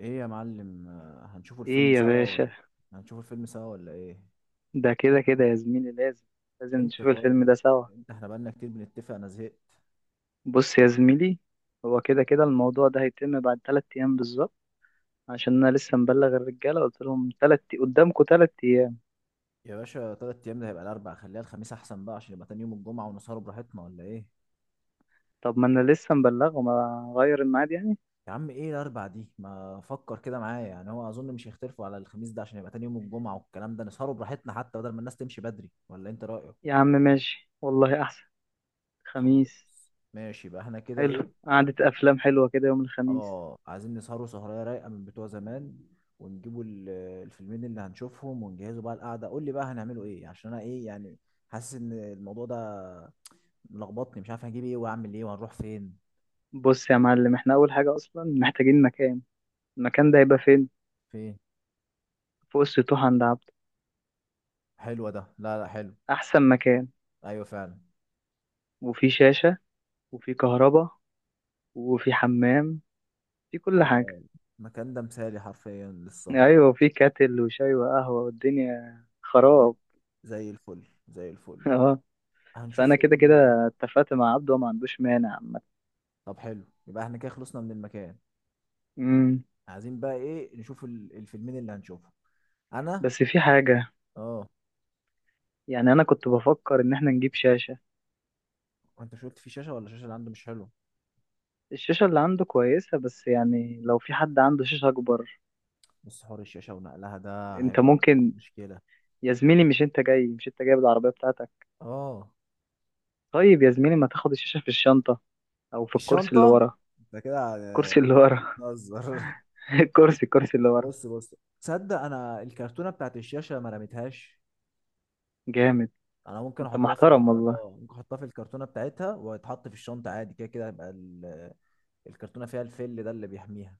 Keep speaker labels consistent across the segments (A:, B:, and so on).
A: ايه يا معلم، هنشوفوا الفيلم
B: ايه يا
A: سوا
B: باشا.
A: ولا هنشوفوا الفيلم سوا ولا ايه؟
B: ده كده كده يا زميلي لازم، لازم
A: امتى؟
B: نشوف
A: طيب
B: الفيلم ده سوا.
A: امتى؟ احنا بقالنا كتير بنتفق، انا زهقت.
B: بص يا زميلي، هو كده كده الموضوع ده هيتم بعد تلات ايام بالظبط، عشان انا لسه مبلغ الرجاله، قلت لهم تلات قدامكم تلات ايام.
A: يا باشا 3 ايام ده هيبقى الاربع، خليها الخميس احسن بقى عشان يبقى تاني يوم الجمعة ونسهروا براحتنا، ولا ايه؟
B: طب ما انا لسه مبلغهم، اغير الميعاد يعني؟
A: يا عم ايه الاربع دي؟ ما فكر كده معايا يعني، هو اظن مش هيختلفوا على الخميس ده عشان يبقى تاني يوم الجمعة والكلام ده، نسهروا براحتنا حتى بدل ما الناس تمشي بدري، ولا انت رأيك؟
B: يا عم ماشي والله، احسن. خميس.
A: خلاص ماشي بقى، احنا كده ايه؟
B: حلو، قعدة افلام حلوه كده يوم الخميس.
A: اه، عايزين نسهروا سهرية رايقة من بتوع زمان ونجيبوا الفيلمين اللي هنشوفهم ونجهزوا بقى القعدة. قول لي بقى هنعملوا ايه؟ عشان انا ايه يعني، حاسس ان الموضوع ده ملخبطني، مش عارف هجيب ايه واعمل ايه وهنروح فين.
B: بص يا معلم، احنا اول حاجه اصلا محتاجين مكان. المكان ده هيبقى فين؟
A: فين؟
B: فوق السطوح عند عبده.
A: حلوة ده. لا لا، حلو.
B: احسن مكان.
A: ايوه فعلا.
B: وفي شاشه، وفي كهرباء، وفي حمام، في كل حاجة.
A: اه، المكان ده مثالي حرفيا للسهر.
B: أيوة، وفي كاتل وشاي وقهوة والدنيا
A: طيب،
B: خراب.
A: زي الفل زي الفل.
B: اه.
A: هنشوف
B: فأنا كده
A: فيلم
B: كده
A: ايه بقى؟
B: اتفقت مع عبده وما عندوش مانع عامة.
A: طب حلو، يبقى احنا كده خلصنا من المكان.
B: أمم،
A: عايزين بقى ايه نشوف الفيلمين اللي هنشوفهم. انا.
B: بس في حاجة.
A: اه.
B: يعني أنا كنت بفكر إن احنا نجيب شاشة.
A: انت مش قلت في شاشة؟ ولا الشاشة اللي عنده مش حلو؟
B: الشاشة اللي عنده كويسة، بس يعني لو في حد عنده شاشة أكبر.
A: بس حوار الشاشة ونقلها ده
B: أنت
A: هيبقى
B: ممكن،
A: مشكلة.
B: يا زميلي مش أنت جاي، مش أنت جايب العربية بتاعتك؟
A: اه.
B: طيب يا زميلي، ما تاخد الشاشة في الشنطة أو في الكرسي اللي
A: الشنطة؟
B: ورا.
A: انت كده
B: الكرسي اللي ورا.
A: بتهزر.
B: الكرسي اللي ورا.
A: بص بص، تصدق انا الكرتونة بتاعت الشاشة ما رميتهاش؟
B: جامد.
A: انا ممكن
B: أنت
A: احطها في ال...
B: محترم والله.
A: اه ممكن احطها في الكرتونة بتاعتها وتتحط في الشنطة عادي، كده كده هيبقى الكرتونة فيها الفل ده اللي بيحميها.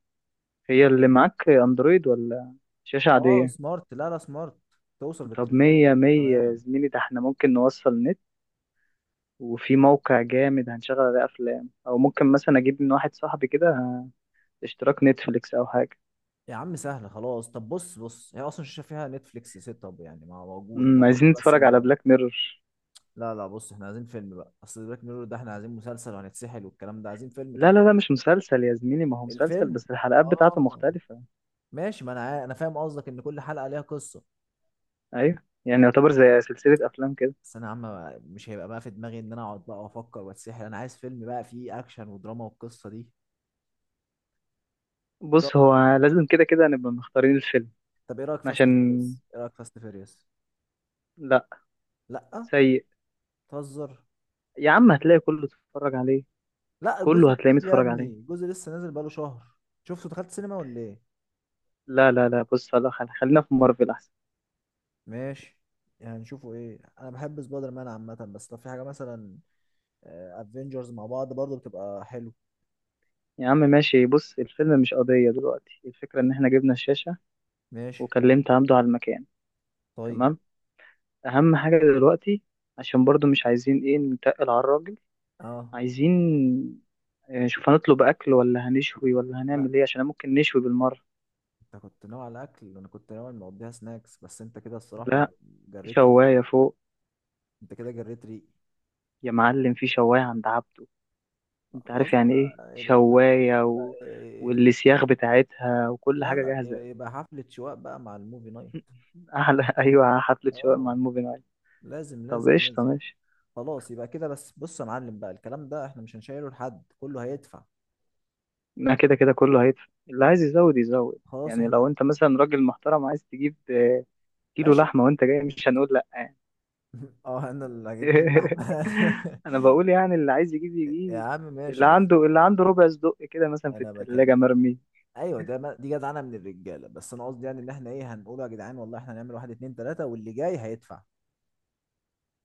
B: هي اللي معاك اندرويد ولا شاشة
A: اه
B: عادية؟
A: سمارت. لا لا، سمارت، توصل
B: طب
A: بالتليفون
B: مية
A: وكله
B: مية يا
A: تمام.
B: زميلي، ده احنا ممكن نوصل نت، وفي موقع جامد هنشغل عليه افلام، او ممكن مثلا اجيب من واحد صاحبي كده اشتراك نتفليكس او حاجة.
A: يا عم سهلة خلاص. طب بص بص، هي اصلا الشاشة فيها نتفليكس سيت اب يعني، ما موجود، انت هتحط
B: عايزين
A: بس.
B: نتفرج على بلاك ميرور.
A: لا لا بص، احنا عايزين فيلم بقى، اصل بلاك ميرور ده احنا عايزين مسلسل وهنتسحل والكلام ده، عايزين فيلم
B: لا
A: كده.
B: لا لا، مش مسلسل يا زميلي، ما هو مسلسل
A: الفيلم.
B: بس الحلقات بتاعته
A: اه
B: مختلفة.
A: ماشي، ما انا انا فاهم قصدك ان كل حلقه ليها قصه.
B: ايوه، يعني يعتبر زي سلسلة افلام كده.
A: بس انا يا عم مش هيبقى بقى في دماغي ان انا اقعد بقى وافكر واتسحل، انا عايز فيلم بقى فيه اكشن ودراما والقصه دي. ايه
B: بص،
A: رايك؟
B: هو لازم كده كده نبقى مختارين الفيلم.
A: طب ايه رايك فاست
B: عشان،
A: فيريوس؟ ايه رايك فاست فيريوس؟
B: لا.
A: لا.
B: سيء.
A: تهزر؟
B: يا عم هتلاقي كله اتفرج عليه،
A: لا، الجزء
B: كله هتلاقيه
A: الجديد يا
B: متفرج
A: ابني،
B: عليه.
A: الجزء لسه نازل بقاله شهر. شفته؟ دخلت سينما ولا ايه؟
B: لا لا لا، بص، لا، خلينا في مارفل احسن.
A: ماشي. يعني نشوفه ايه؟ انا بحب سبايدر مان عامه، بس لو في حاجه مثلا افنجرز مع بعض برضو بتبقى حلو.
B: يا عم ماشي، بص الفيلم مش قضية دلوقتي، الفكرة ان احنا جبنا الشاشة
A: ماشي.
B: وكلمت عمدو على المكان.
A: طيب.
B: تمام. اهم حاجة دلوقتي، عشان برضو مش عايزين ايه نتقل على الراجل.
A: اه.
B: عايزين شوف، هنطلب اكل ولا هنشوي ولا
A: لا،
B: هنعمل ايه؟ عشان ممكن نشوي بالمرة.
A: انت كنت ناوي على اكل وانا كنت ناوي مقضيها سناكس، بس انت كده الصراحه
B: لا، في
A: جريت ريق.
B: شواية فوق.
A: انت كده جريت ريق.
B: يا معلم، في شواية عند عبده.
A: لا،
B: انت
A: خلاص
B: عارف يعني
A: بقى،
B: ايه
A: يبقى يبقى.
B: شواية،
A: يبقى
B: و...
A: إيه؟
B: والسياخ بتاعتها وكل
A: لا
B: حاجة
A: لا،
B: جاهزة.
A: يبقى حفلة شواء بقى مع الموفي نايت.
B: احلى، ايوه حفلة شواء
A: اه،
B: مع الموفي نايت.
A: لازم
B: طب
A: لازم
B: قشطة
A: لازم.
B: ماشي.
A: خلاص يبقى كده، بس بص يا معلم بقى الكلام ده احنا مش هنشيله لحد، كله هيدفع.
B: ما كده كده كله هيدفع، اللي عايز يزود يزود
A: خلاص
B: يعني، لو
A: احنا.
B: انت مثلا راجل محترم عايز تجيب كيلو
A: ماشي.
B: لحمة وانت جاي، مش هنقول لأ يعني.
A: اه، انا اللي هجيب كيلو لحمة.
B: انا بقول يعني اللي عايز يجيب
A: يا
B: يجيب،
A: عم ماشي
B: اللي
A: بس.
B: عنده اللي عنده ربع صدق كده مثلا في
A: انا
B: التلاجة
A: بكلم.
B: مرمي.
A: ايوه ده دي جدعنه من الرجاله، بس انا قصدي يعني ان احنا ايه، هنقول يا جدعان والله احنا هنعمل واحد اتنين تلاته واللي جاي هيدفع.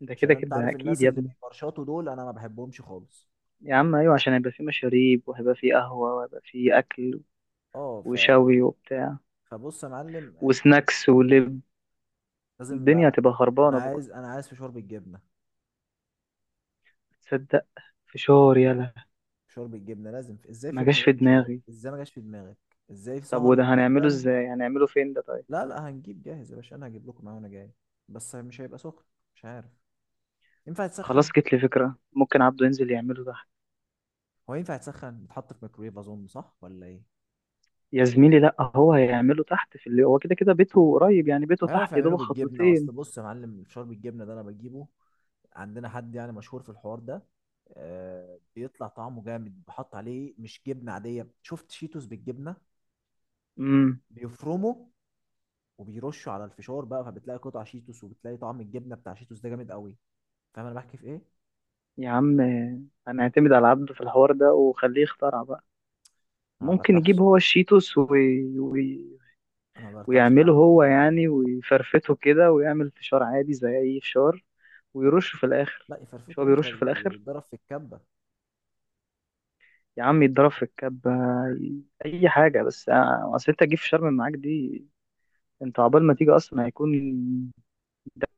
B: ده
A: عشان
B: كده
A: انت
B: كده
A: عارف
B: اكيد
A: الناس
B: يا
A: اللي
B: ابني.
A: بيفرشطوا دول انا ما بحبهمش خالص.
B: يا عم ايوه، عشان هيبقى فيه مشاريب، وهيبقى فيه قهوة، وهيبقى فيه اكل،
A: اه
B: وشوي وبتاع،
A: فبص يا معلم،
B: وسناكس ولب.
A: لازم
B: الدنيا
A: بقى،
B: هتبقى
A: انا
B: خربانة بكرة.
A: عايز، انا عايز فشار بالجبنه.
B: تصدق، فشار، يلا.
A: فشار بالجبنه لازم ازاي
B: ما
A: فيلم
B: جاش
A: غير
B: في
A: فشار؟
B: دماغي.
A: ازاي ما جاش في دماغك؟ ازاي في
B: طب
A: سهره
B: وده هنعمله
A: افلام؟
B: ازاي؟ هنعمله فين ده طيب؟
A: لا لا، هنجيب جاهز يا باشا، انا هجيب لكم معاه وانا جاي. بس مش هيبقى سخن. مش عارف ينفع يتسخن.
B: خلاص، جت لي فكرة، ممكن عبده ينزل يعمله تحت.
A: هو ينفع يتسخن؟ يتحط في ميكرويف اظن، صح ولا ايه؟
B: يا زميلي، لا هو هيعمله تحت، في اللي هو كده كده بيته قريب يعني، بيته
A: هيعرف
B: تحت يا
A: يعمله
B: دوب
A: بالجبنه؟ اصل
B: خطوتين.
A: بص يا معلم الفشار بالجبنه ده انا بجيبه. عندنا حد يعني مشهور في الحوار ده. آه، بيطلع طعمه جامد، بحط عليه مش جبنه عاديه، شفت شيتوس بالجبنه؟
B: امم
A: بيفرمه وبيرشه على الفشار بقى، فبتلاقي قطع شيتوس وبتلاقي طعم الجبنه بتاع شيتوس ده جامد قوي. فاهم انا بحكي في ايه؟
B: يا عم هنعتمد على عبده في الحوار ده، وخليه يخترع بقى.
A: انا ما
B: ممكن يجيب
A: برتاحش.
B: هو الشيتوس
A: انا ما برتاحش
B: ويعمله
A: العب ده
B: هو
A: خالص.
B: يعني، ويفرفته كده، ويعمل فشار عادي زي اي فشار، ويرشه في الاخر.
A: لا،
B: مش هو
A: يفرفته ايه
B: بيرش في
A: غير
B: الاخر؟
A: يتضرب في الكبه.
B: يا عم يتضرب في الكبة. اي حاجه بس، اصل انت تجيب في شرم معاك دي، انت عقبال ما تيجي اصلا هيكون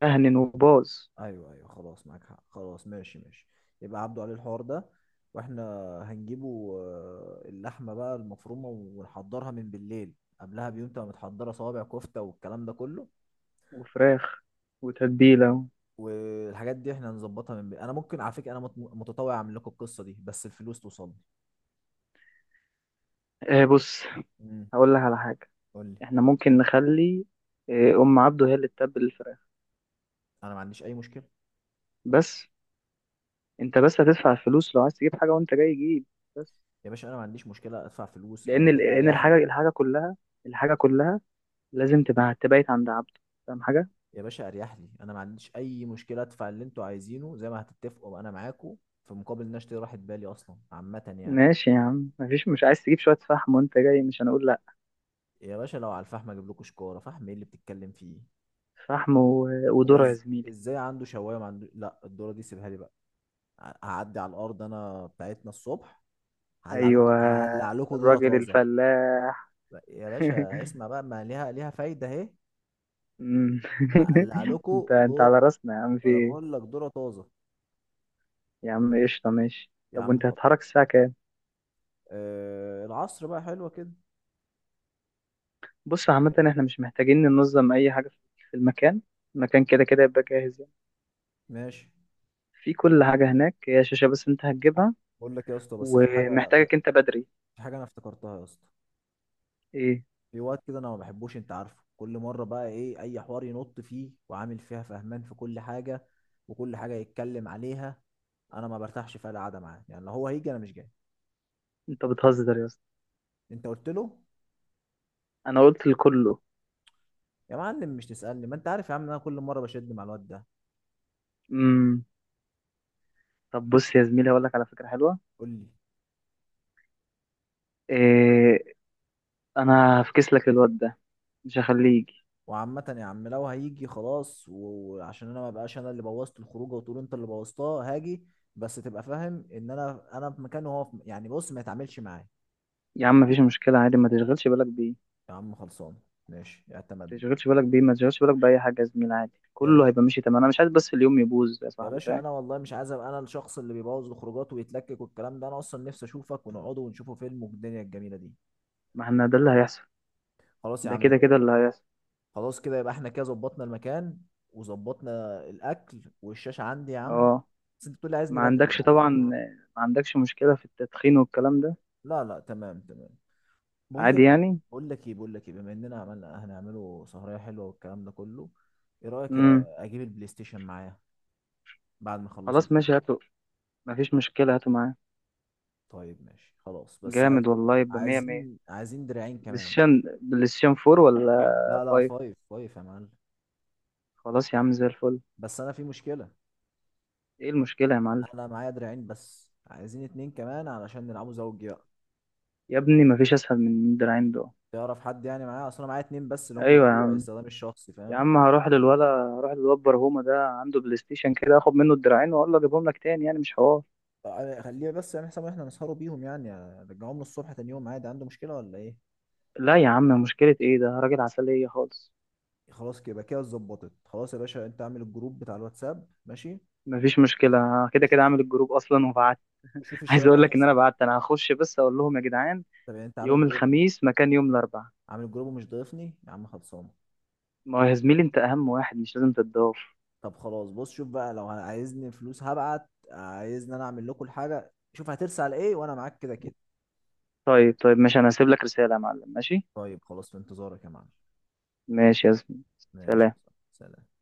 B: مهنن وباظ.
A: ايوه ايوه خلاص، معاك حق، خلاص ماشي ماشي. يبقى عبده عليه الحوار ده، واحنا هنجيبه. اللحمه بقى المفرومه ونحضرها من بالليل، قبلها بيوم تبقى متحضره صوابع كفته والكلام ده كله.
B: وفراخ وتتبيله.
A: والحاجات دي احنا هنظبطها من بالليل. انا ممكن على فكره انا متطوع اعمل لكم القصه دي، بس الفلوس توصلني.
B: آه، بص،
A: امم
B: هقول لك على حاجه.
A: قول لي.
B: احنا ممكن نخلي، ام عبده هي اللي تتبل الفراخ.
A: انا ما عنديش اي مشكله.
B: بس، انت بس هتدفع الفلوس، لو عايز تجيب حاجه وانت جاي جيب. بس
A: يا باشا انا ما عنديش مشكله ادفع فلوس، انا كده
B: لان
A: اريح
B: الحاجه
A: لي.
B: الحاجه كلها، الحاجه كلها لازم تبقى تبقيت عند عبده. فاهم حاجه.
A: يا باشا اريح لي، انا ما عنديش اي مشكله ادفع اللي انتوا عايزينه زي ما هتتفقوا، انا معاكم، في مقابل ان أنا اشتري راحه بالي اصلا عامه يعني.
B: ماشي يا عم، مفيش، مش عايز تجيب شويه فحم وانت جاي، مش هنقول لا.
A: يا باشا لو على الفحم اجيب لكم شكاره فحم، ايه اللي بتتكلم فيه؟
B: فحم
A: هو
B: وذره يا
A: إز-
B: زميلي.
A: ازاي عنده شوايه ما عنده؟ لا، الدوره دي سيبها لي بقى. هعدي على الارض انا بتاعتنا الصبح، هقلع لكم
B: ايوه،
A: هقلع لكم دوره
B: الراجل
A: طازه.
B: الفلاح.
A: يا باشا اسمع بقى، ما ليها فايده اهي.
B: مم.
A: هقلع لكم
B: انت
A: دور.
B: على راسنا يا عم، في
A: انا
B: ايه؟
A: بقول لك دوره طازه.
B: يا عم قشطة ماشي.
A: يا
B: طب
A: عم
B: وانت
A: حط.
B: هتتحرك الساعة كام؟
A: العصر بقى، حلوه كده
B: بص
A: ولا
B: عامة،
A: إيه؟
B: احنا مش محتاجين ننظم اي حاجة في المكان، المكان كده كده يبقى جاهز يعني،
A: ماشي.
B: في كل حاجة هناك، هي شاشة بس انت هتجيبها.
A: بقول لك يا اسطى، بس في حاجه.
B: ومحتاجك انت بدري.
A: في حاجه انا افتكرتها يا اسطى.
B: ايه؟
A: في وقت كده انا ما بحبوش، انت عارفه كل مره بقى ايه، اي حوار ينط فيه وعامل فيها فهمان في كل حاجه وكل حاجه يتكلم عليها. انا ما برتاحش في القعده معاه يعني، لو هو هيجي انا مش جاي.
B: انت بتهزر يا اسطى؟
A: انت قلت له؟
B: انا قلت لكله.
A: يا معلم مش تسالني، ما انت عارف يا عم إن انا كل مره بشد مع الواد ده.
B: امم طب بص يا زميلي، هقول لك على فكرة حلوة.
A: قول لي.
B: إيه؟ انا هفكس لك الواد ده، مش هخليه يجي.
A: وعامة يا عم لو هيجي خلاص، وعشان انا ما بقاش انا اللي بوظت الخروجه وتقول انت اللي بوظتها هاجي. بس تبقى فاهم ان انا في مكانه وهو في يعني، بص ما يتعاملش معايا.
B: يا عم مفيش مشكلة، عادي، ما تشغلش بالك بيه،
A: يا عم خلصان، ماشي اعتمد.
B: تشغلش بالك بيه، ما تشغلش بالك بأي حاجة يا زميلي، عادي
A: يا
B: كله
A: باشا،
B: هيبقى ماشي تمام. أنا مش عايز بس اليوم يبوظ يا
A: يا
B: صاحبي،
A: باشا
B: فاهم.
A: انا والله مش عايز ابقى انا الشخص اللي بيبوظ الخروجات ويتلكك والكلام ده، انا اصلا نفسي اشوفك ونقعد ونشوفه فيلم والدنيا الجميله دي.
B: ما احنا ده اللي هيحصل،
A: خلاص يا
B: ده
A: عم.
B: كده كده اللي هيحصل.
A: خلاص كده يبقى احنا كده ظبطنا المكان وظبطنا الاكل، والشاشه عندي يا عم.
B: اه،
A: بس انت بتقول لي
B: ما
A: عايزني بدري
B: عندكش
A: يعني.
B: طبعا، ما عندكش مشكلة في التدخين والكلام ده؟
A: لا لا تمام تمام. بقول لك
B: عادي يعني.
A: بقول لك ايه بقول لك ايه، بما اننا عملنا هنعمله سهريه حلوه والكلام ده كله، ايه رايك
B: امم
A: اجيب البلاي ستيشن معايا بعد ما اخلصوا
B: خلاص
A: الفيلم؟
B: ماشي، هاته، ما فيش مشكلة هاته معاه.
A: طيب ماشي خلاص، بس عايز،
B: جامد والله، يبقى مية مية.
A: عايزين عايزين دراعين كمان.
B: بلايستيشن، بلايستيشن فور ولا؟
A: لا لا،
B: فايف.
A: فايف فايف يا معلم.
B: خلاص يا عم زي الفل.
A: بس انا في مشكلة.
B: ايه المشكلة يا معلم؟
A: انا معايا دراعين بس، عايزين اتنين كمان علشان نلعبوا زوجي بقى.
B: يا ابني ما فيش أسهل من الدراعين دول.
A: تعرف حد يعني معايا؟ اصل انا معايا اتنين بس اللي هم
B: أيوة يا
A: بتوع
B: عم.
A: استخدام الشخصي،
B: يا
A: فاهم؟
B: عم هروح للولا، هروح للواد برهومة، ده عنده بلاي ستيشن كده، اخد منه الدراعين واقول له اجيبهم لك تاني، يعني مش حوار.
A: طيب خليه بس يعمل حساب ان احنا نسهروا بيهم يعني، رجعوهم له الصبح تاني يوم عادي، عنده مشكلة ولا ايه؟
B: لا يا عم مشكلة ايه، ده راجل عسلية خالص.
A: خلاص كده يبقى كده اتظبطت. خلاص يا باشا انت اعمل الجروب بتاع الواتساب، ماشي؟
B: مفيش مشكلة، كده كده
A: وشوف.
B: عامل الجروب اصلا وبعت.
A: وشوف
B: عايز
A: الشباب
B: اقول لك ان
A: هترسم.
B: انا بعت، انا هخش بس اقول لهم يا جدعان
A: طب يعني انت
B: يوم
A: عامل جروب؟
B: الخميس مكان يوم الاربعاء.
A: عامل جروب ومش ضايفني يا عم؟ خلصان.
B: ما هو يا زميلي، انت اهم واحد، مش لازم تتضاف.
A: طب خلاص، بص شوف بقى لو عايزني فلوس هبعت، عايزني انا اعمل لكم الحاجه، شوف هترسل على ايه، وانا معاك كده كده.
B: طيب طيب ماشي، انا هسيب لك رسالة يا معلم، ماشي.
A: طيب خلاص، في انتظارك يا معلم.
B: ماشي يا زميلي.
A: ماشي يا
B: سلام.
A: صاحبي. سلام.